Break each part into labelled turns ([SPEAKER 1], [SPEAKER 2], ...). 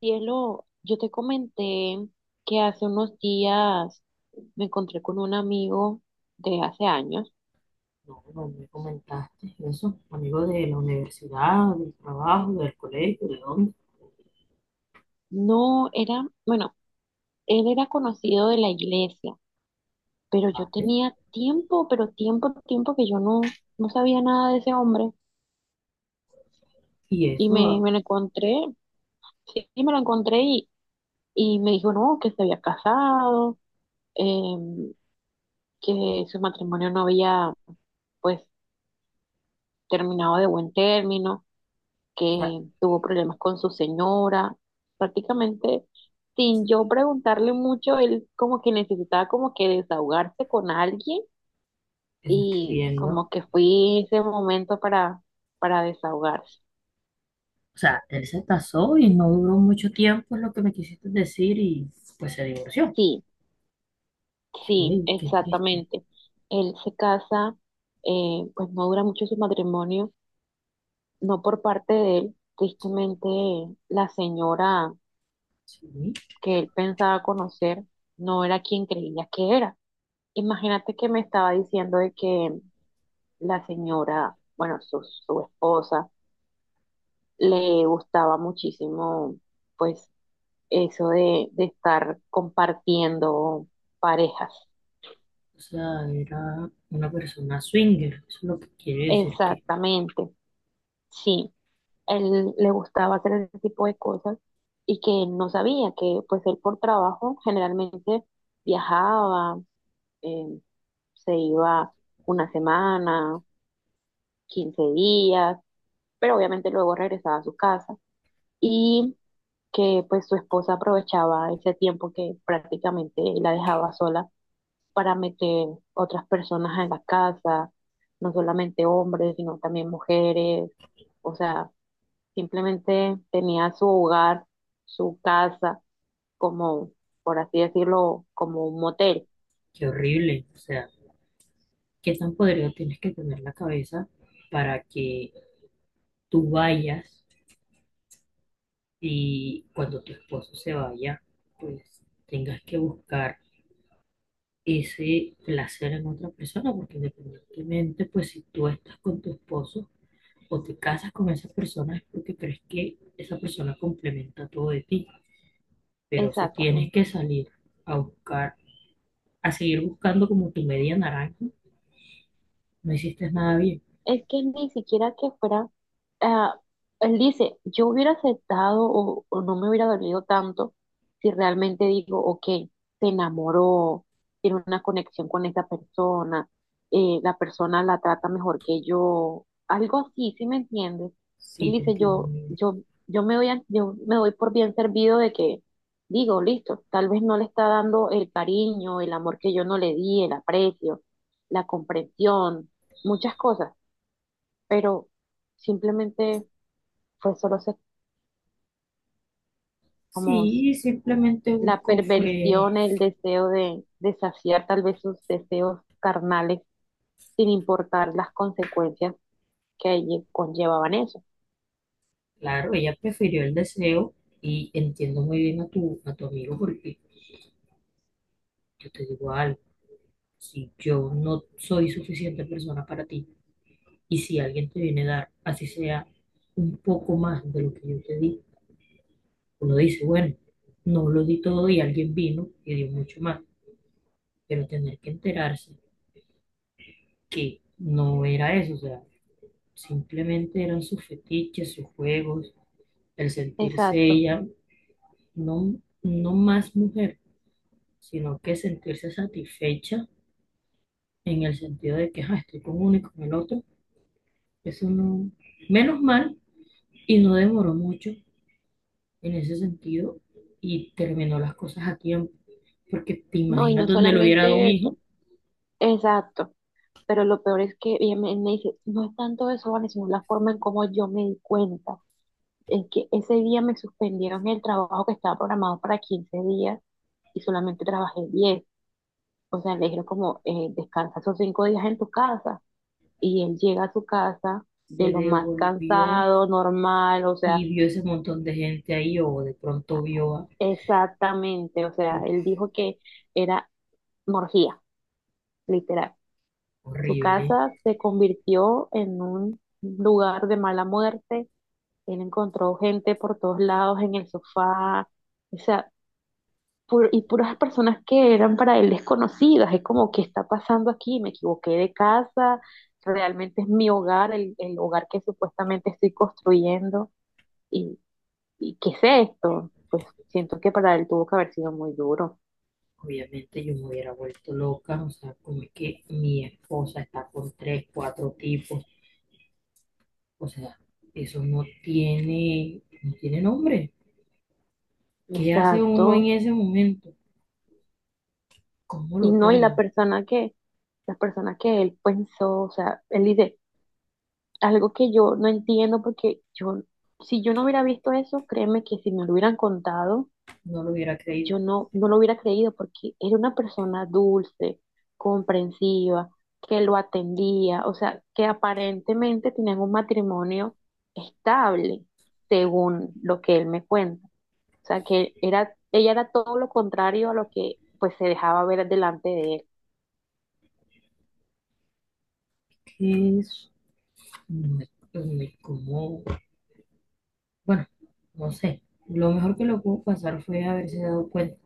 [SPEAKER 1] Cielo, yo te comenté que hace unos días me encontré con un amigo de hace años.
[SPEAKER 2] No, no me comentaste eso, amigo de la universidad, del trabajo, del colegio, ¿de dónde?
[SPEAKER 1] No era, bueno, él era conocido de la iglesia, pero yo
[SPEAKER 2] Vale.
[SPEAKER 1] tenía tiempo, pero tiempo, tiempo que yo no sabía nada de ese hombre.
[SPEAKER 2] Y
[SPEAKER 1] Y
[SPEAKER 2] eso,
[SPEAKER 1] me, me lo encontré, sí, me lo encontré y me dijo, no, que se había casado, em, que su matrimonio no había, pues, terminado de buen término,
[SPEAKER 2] o sea,
[SPEAKER 1] que tuvo problemas con su señora, prácticamente sin yo preguntarle mucho. Él como que necesitaba como que desahogarse con alguien
[SPEAKER 2] eso estoy
[SPEAKER 1] y
[SPEAKER 2] viendo.
[SPEAKER 1] como que fui ese momento para desahogarse.
[SPEAKER 2] O sea, él se casó y no duró mucho tiempo, es lo que me quisiste decir, y pues se divorció.
[SPEAKER 1] Sí,
[SPEAKER 2] Qué,
[SPEAKER 1] sí,
[SPEAKER 2] qué triste.
[SPEAKER 1] exactamente. Él se casa, pues no dura mucho su matrimonio, no por parte de él, tristemente la señora
[SPEAKER 2] Sí,
[SPEAKER 1] que él pensaba conocer no era quien creía que era. Imagínate que me estaba diciendo de que la señora, bueno, su esposa, le gustaba muchísimo, pues, eso de estar compartiendo parejas.
[SPEAKER 2] o sea, era una persona swinger, eso es lo que quiere decir que,
[SPEAKER 1] Exactamente, sí. Él le gustaba hacer ese tipo de cosas y que no sabía que, pues, él por trabajo generalmente viajaba, eh, se iba una semana, 15 días, pero obviamente luego regresaba a su casa. Y que pues su esposa aprovechaba ese tiempo que prácticamente la dejaba sola para meter otras personas en la casa, no solamente hombres, sino también mujeres, o sea, simplemente tenía su hogar, su casa, como, por así decirlo, como un motel.
[SPEAKER 2] qué horrible. O sea, qué tan podrido tienes que tener la cabeza para que tú vayas. Y cuando tu esposo se vaya, pues tengas que buscar ese placer en otra persona, porque independientemente, pues si tú estás con tu esposo o te casas con esa persona es porque crees que esa persona complementa todo de ti, pero si tienes
[SPEAKER 1] Exactamente.
[SPEAKER 2] que salir a buscar, a seguir buscando como tu media naranja, no hiciste nada bien.
[SPEAKER 1] Es que ni siquiera que fuera, ah, él dice, yo hubiera aceptado o no me hubiera dolido tanto si realmente digo, ok, se enamoró, tiene una conexión con esa persona, la persona la trata mejor que yo, algo así, ¿sí me entiendes? Él
[SPEAKER 2] Sí, te
[SPEAKER 1] dice,
[SPEAKER 2] entiendo muy
[SPEAKER 1] yo,
[SPEAKER 2] bien.
[SPEAKER 1] yo, yo me doy, yo me doy por bien servido. De que digo, listo, tal vez no le está dando el cariño, el amor que yo no le di, el aprecio, la comprensión, muchas cosas, pero simplemente fue solo como
[SPEAKER 2] Sí, simplemente
[SPEAKER 1] la
[SPEAKER 2] busco fue.
[SPEAKER 1] perversión, el deseo de saciar tal vez sus deseos carnales sin importar las consecuencias que conllevaban eso.
[SPEAKER 2] Claro, ella prefirió el deseo y entiendo muy bien a tu amigo porque yo te digo algo, si yo no soy suficiente persona para ti y si alguien te viene a dar, así sea un poco más de lo que yo te di, uno dice, bueno, no lo di todo y alguien vino y dio mucho más, pero tener que enterarse que no era eso, o sea, simplemente eran sus fetiches, sus juegos, el sentirse
[SPEAKER 1] Exacto.
[SPEAKER 2] ella, no más mujer sino que sentirse satisfecha en el sentido de que "Ah, estoy con uno y con el otro. Eso no, menos mal, y no demoró mucho en ese sentido y terminó las cosas a tiempo, porque te
[SPEAKER 1] No, y
[SPEAKER 2] imaginas
[SPEAKER 1] no
[SPEAKER 2] donde lo hubiera dado un
[SPEAKER 1] solamente eso.
[SPEAKER 2] hijo,
[SPEAKER 1] Exacto. Pero lo peor es que ella me dice, no es tanto eso, Vane, sino la forma en cómo yo me di cuenta. Es que ese día me suspendieron el trabajo, que estaba programado para 15 días, y solamente trabajé 10. O sea, le dijeron como, descansa esos 5 días en tu casa. Y él llega a su casa
[SPEAKER 2] se
[SPEAKER 1] de lo más
[SPEAKER 2] devolvió
[SPEAKER 1] cansado, normal, o sea,
[SPEAKER 2] y vio ese montón de gente ahí o de pronto vio a,
[SPEAKER 1] exactamente. O sea,
[SPEAKER 2] uf,
[SPEAKER 1] él dijo que era morgía, literal. Su
[SPEAKER 2] horrible.
[SPEAKER 1] casa se convirtió en un lugar de mala muerte. Él encontró gente por todos lados, en el sofá. O sea, y puras personas que eran para él desconocidas. Es como, ¿qué está pasando aquí? Me equivoqué de casa, realmente es mi hogar, el hogar que supuestamente estoy construyendo. ¿Y, y qué es esto? Pues siento que para él tuvo que haber sido muy duro.
[SPEAKER 2] Obviamente yo me hubiera vuelto loca, o sea, como es que mi esposa está con tres, cuatro tipos. O sea, eso no tiene, no tiene nombre. ¿Qué hace
[SPEAKER 1] Exacto.
[SPEAKER 2] uno en ese momento? ¿Cómo
[SPEAKER 1] Y
[SPEAKER 2] lo
[SPEAKER 1] no, y la
[SPEAKER 2] toma?
[SPEAKER 1] persona que, la persona que él pensó, o sea, él dice algo que yo no entiendo, porque yo, si yo no hubiera visto eso, créeme que si me lo hubieran contado,
[SPEAKER 2] No lo hubiera creído.
[SPEAKER 1] yo no lo hubiera creído, porque era una persona dulce, comprensiva, que lo atendía, o sea, que aparentemente tenían un matrimonio estable, según lo que él me cuenta. O sea, que era, ella era todo lo contrario a lo que pues se dejaba ver delante de él.
[SPEAKER 2] ¿Qué es? No es, no es como, bueno, no sé. Lo mejor que lo pudo pasar fue haberse dado cuenta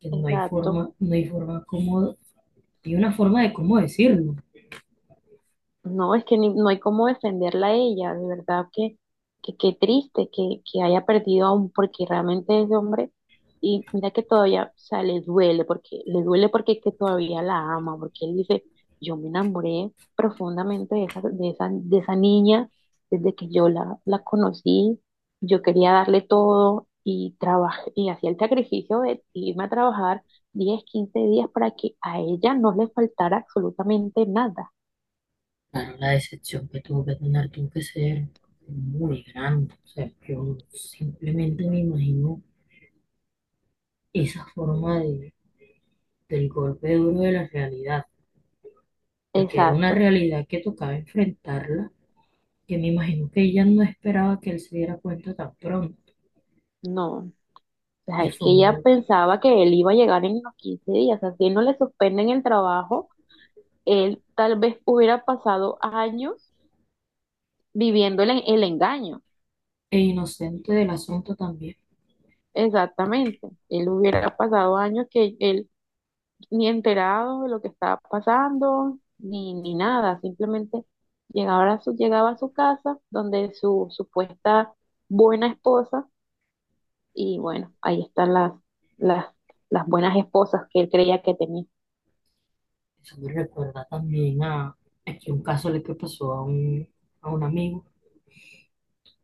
[SPEAKER 2] que no hay
[SPEAKER 1] Exacto.
[SPEAKER 2] forma, no hay forma cómo, hay una forma de cómo decirlo.
[SPEAKER 1] No, es que no hay cómo defenderla a ella, de verdad que qué triste que haya perdido a un, porque realmente ese hombre, y mira que todavía, o sea, le duele porque es que todavía la ama, porque él dice, yo me enamoré profundamente de esa, de esa, de esa niña desde que yo la conocí, yo quería darle todo y trabajé, y hacía el sacrificio de irme a trabajar diez, 15 días para que a ella no le faltara absolutamente nada.
[SPEAKER 2] Claro, la decepción que tuvo que tener tuvo que ser muy grande. O sea, yo simplemente me imagino esa forma de del golpe duro de la realidad, porque era una
[SPEAKER 1] Exacto.
[SPEAKER 2] realidad que tocaba enfrentarla, que me imagino que ella no esperaba que él se diera cuenta tan pronto,
[SPEAKER 1] No, o sea,
[SPEAKER 2] y
[SPEAKER 1] es
[SPEAKER 2] fue
[SPEAKER 1] que
[SPEAKER 2] un
[SPEAKER 1] ella
[SPEAKER 2] golpe.
[SPEAKER 1] pensaba que él iba a llegar en los 15 días, o sea, si no le suspenden el trabajo, él tal vez hubiera pasado años viviendo el, el engaño.
[SPEAKER 2] E inocente del asunto también.
[SPEAKER 1] Exactamente, él hubiera pasado años que él ni enterado de lo que estaba pasando, ni, ni nada, simplemente llegaba a su casa, donde su supuesta buena esposa, y bueno, ahí están las, las buenas esposas que él creía que tenía.
[SPEAKER 2] Eso me recuerda también a aquí un caso le que pasó a un amigo.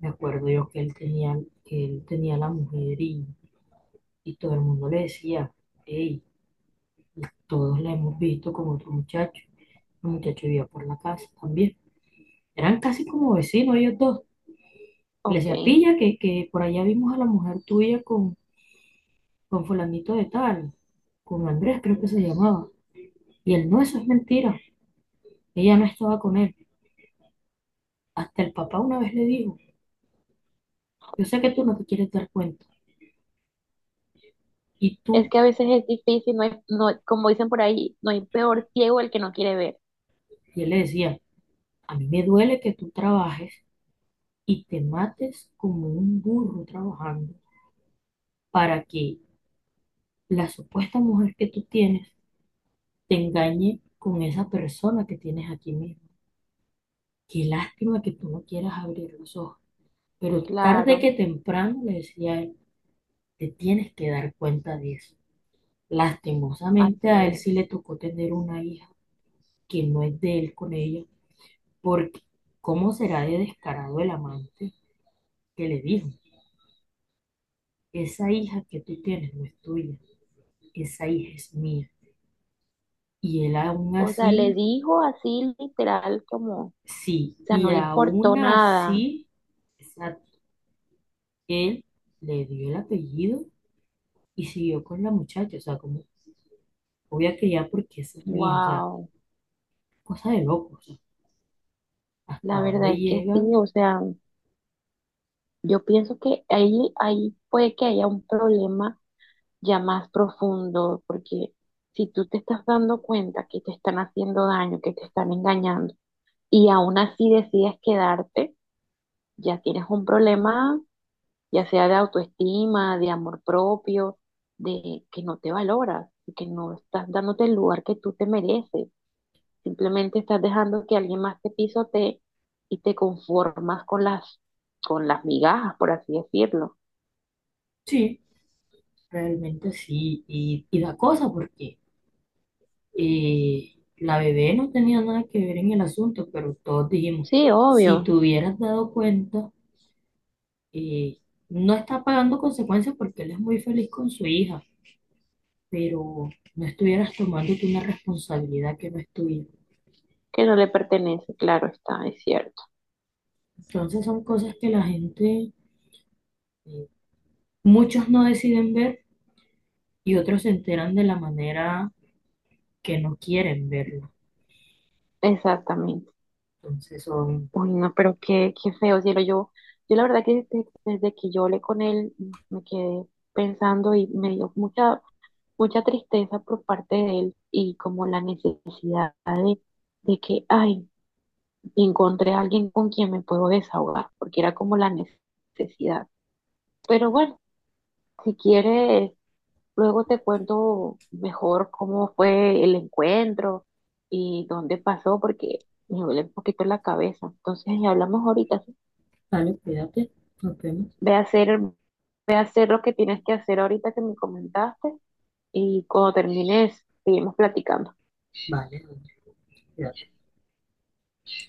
[SPEAKER 2] Me acuerdo yo que que él tenía la mujer y todo el mundo le decía, hey, todos la hemos visto con otro muchacho. El muchacho vivía por la casa también. Eran casi como vecinos ellos dos. Le
[SPEAKER 1] Ok.
[SPEAKER 2] decía, pilla, que por allá vimos a la mujer tuya con fulanito de tal, con Andrés creo que se llamaba. Y él, no, eso es mentira, ella no estaba con él. Hasta el papá una vez le dijo, yo sé que tú no te quieres dar cuenta. Y
[SPEAKER 1] Es
[SPEAKER 2] tú,
[SPEAKER 1] que a veces es difícil, no no, como dicen por ahí, no hay peor ciego el que no quiere ver.
[SPEAKER 2] y él le decía, a mí me duele que tú trabajes y te mates como un burro trabajando para que la supuesta mujer que tú tienes te engañe con esa persona que tienes aquí mismo. Qué lástima que tú no quieras abrir los ojos. Pero tarde
[SPEAKER 1] Claro,
[SPEAKER 2] que temprano, le decía él, te tienes que dar cuenta de eso.
[SPEAKER 1] así
[SPEAKER 2] Lastimosamente a él
[SPEAKER 1] es.
[SPEAKER 2] sí le tocó tener una hija que no es de él con ella, porque ¿cómo será de descarado el amante que le dijo, esa hija que tú tienes no es tuya, esa hija es mía? Y él aún
[SPEAKER 1] O sea, le
[SPEAKER 2] así,
[SPEAKER 1] dijo así literal como, o
[SPEAKER 2] sí,
[SPEAKER 1] sea,
[SPEAKER 2] y
[SPEAKER 1] no le importó
[SPEAKER 2] aún
[SPEAKER 1] nada.
[SPEAKER 2] así, esa- él le dio el apellido y siguió con la muchacha, o sea, como voy a criar porque esa es mi hija, o sea,
[SPEAKER 1] Wow,
[SPEAKER 2] cosa de locos. Hasta
[SPEAKER 1] la
[SPEAKER 2] dónde
[SPEAKER 1] verdad es que sí,
[SPEAKER 2] llegan,
[SPEAKER 1] o sea, yo pienso que ahí, ahí puede que haya un problema ya más profundo, porque si tú te estás dando cuenta que te están haciendo daño, que te están engañando, y aún así decides quedarte, ya tienes un problema, ya sea de autoestima, de amor propio, de que no te valoras, que no estás dándote el lugar que tú te mereces, simplemente estás dejando que alguien más te pisotee y te conformas con las migajas, por así decirlo.
[SPEAKER 2] sí, realmente sí, y da cosa porque la bebé no tenía nada que ver en el asunto, pero todos dijimos,
[SPEAKER 1] Sí,
[SPEAKER 2] si
[SPEAKER 1] obvio,
[SPEAKER 2] te hubieras dado cuenta, eh, no está pagando consecuencias porque él es muy feliz con su hija, pero no estuvieras tomándote una responsabilidad que no es tuya.
[SPEAKER 1] que no le pertenece, claro está, es cierto,
[SPEAKER 2] Entonces son cosas que la gente, eh, muchos no deciden ver y otros se enteran de la manera que no quieren verlo.
[SPEAKER 1] exactamente.
[SPEAKER 2] Entonces son.
[SPEAKER 1] Uy, no, pero qué, qué feo, cielo, yo la verdad que desde que yo hablé con él, me quedé pensando y me dio mucha mucha tristeza por parte de él y como la necesidad de que, ay, encontré a alguien con quien me puedo desahogar, porque era como la necesidad. Pero bueno, si quieres, luego te cuento mejor cómo fue el encuentro y dónde pasó, porque me duele un poquito la cabeza. Entonces, hablamos ahorita, ¿sí?
[SPEAKER 2] Vale, cuídate. Nos vemos.
[SPEAKER 1] Ve a hacer, ve a hacer lo que tienes que hacer ahorita que me comentaste, y cuando termines, seguimos platicando.
[SPEAKER 2] Vale, Andrés, cuídate.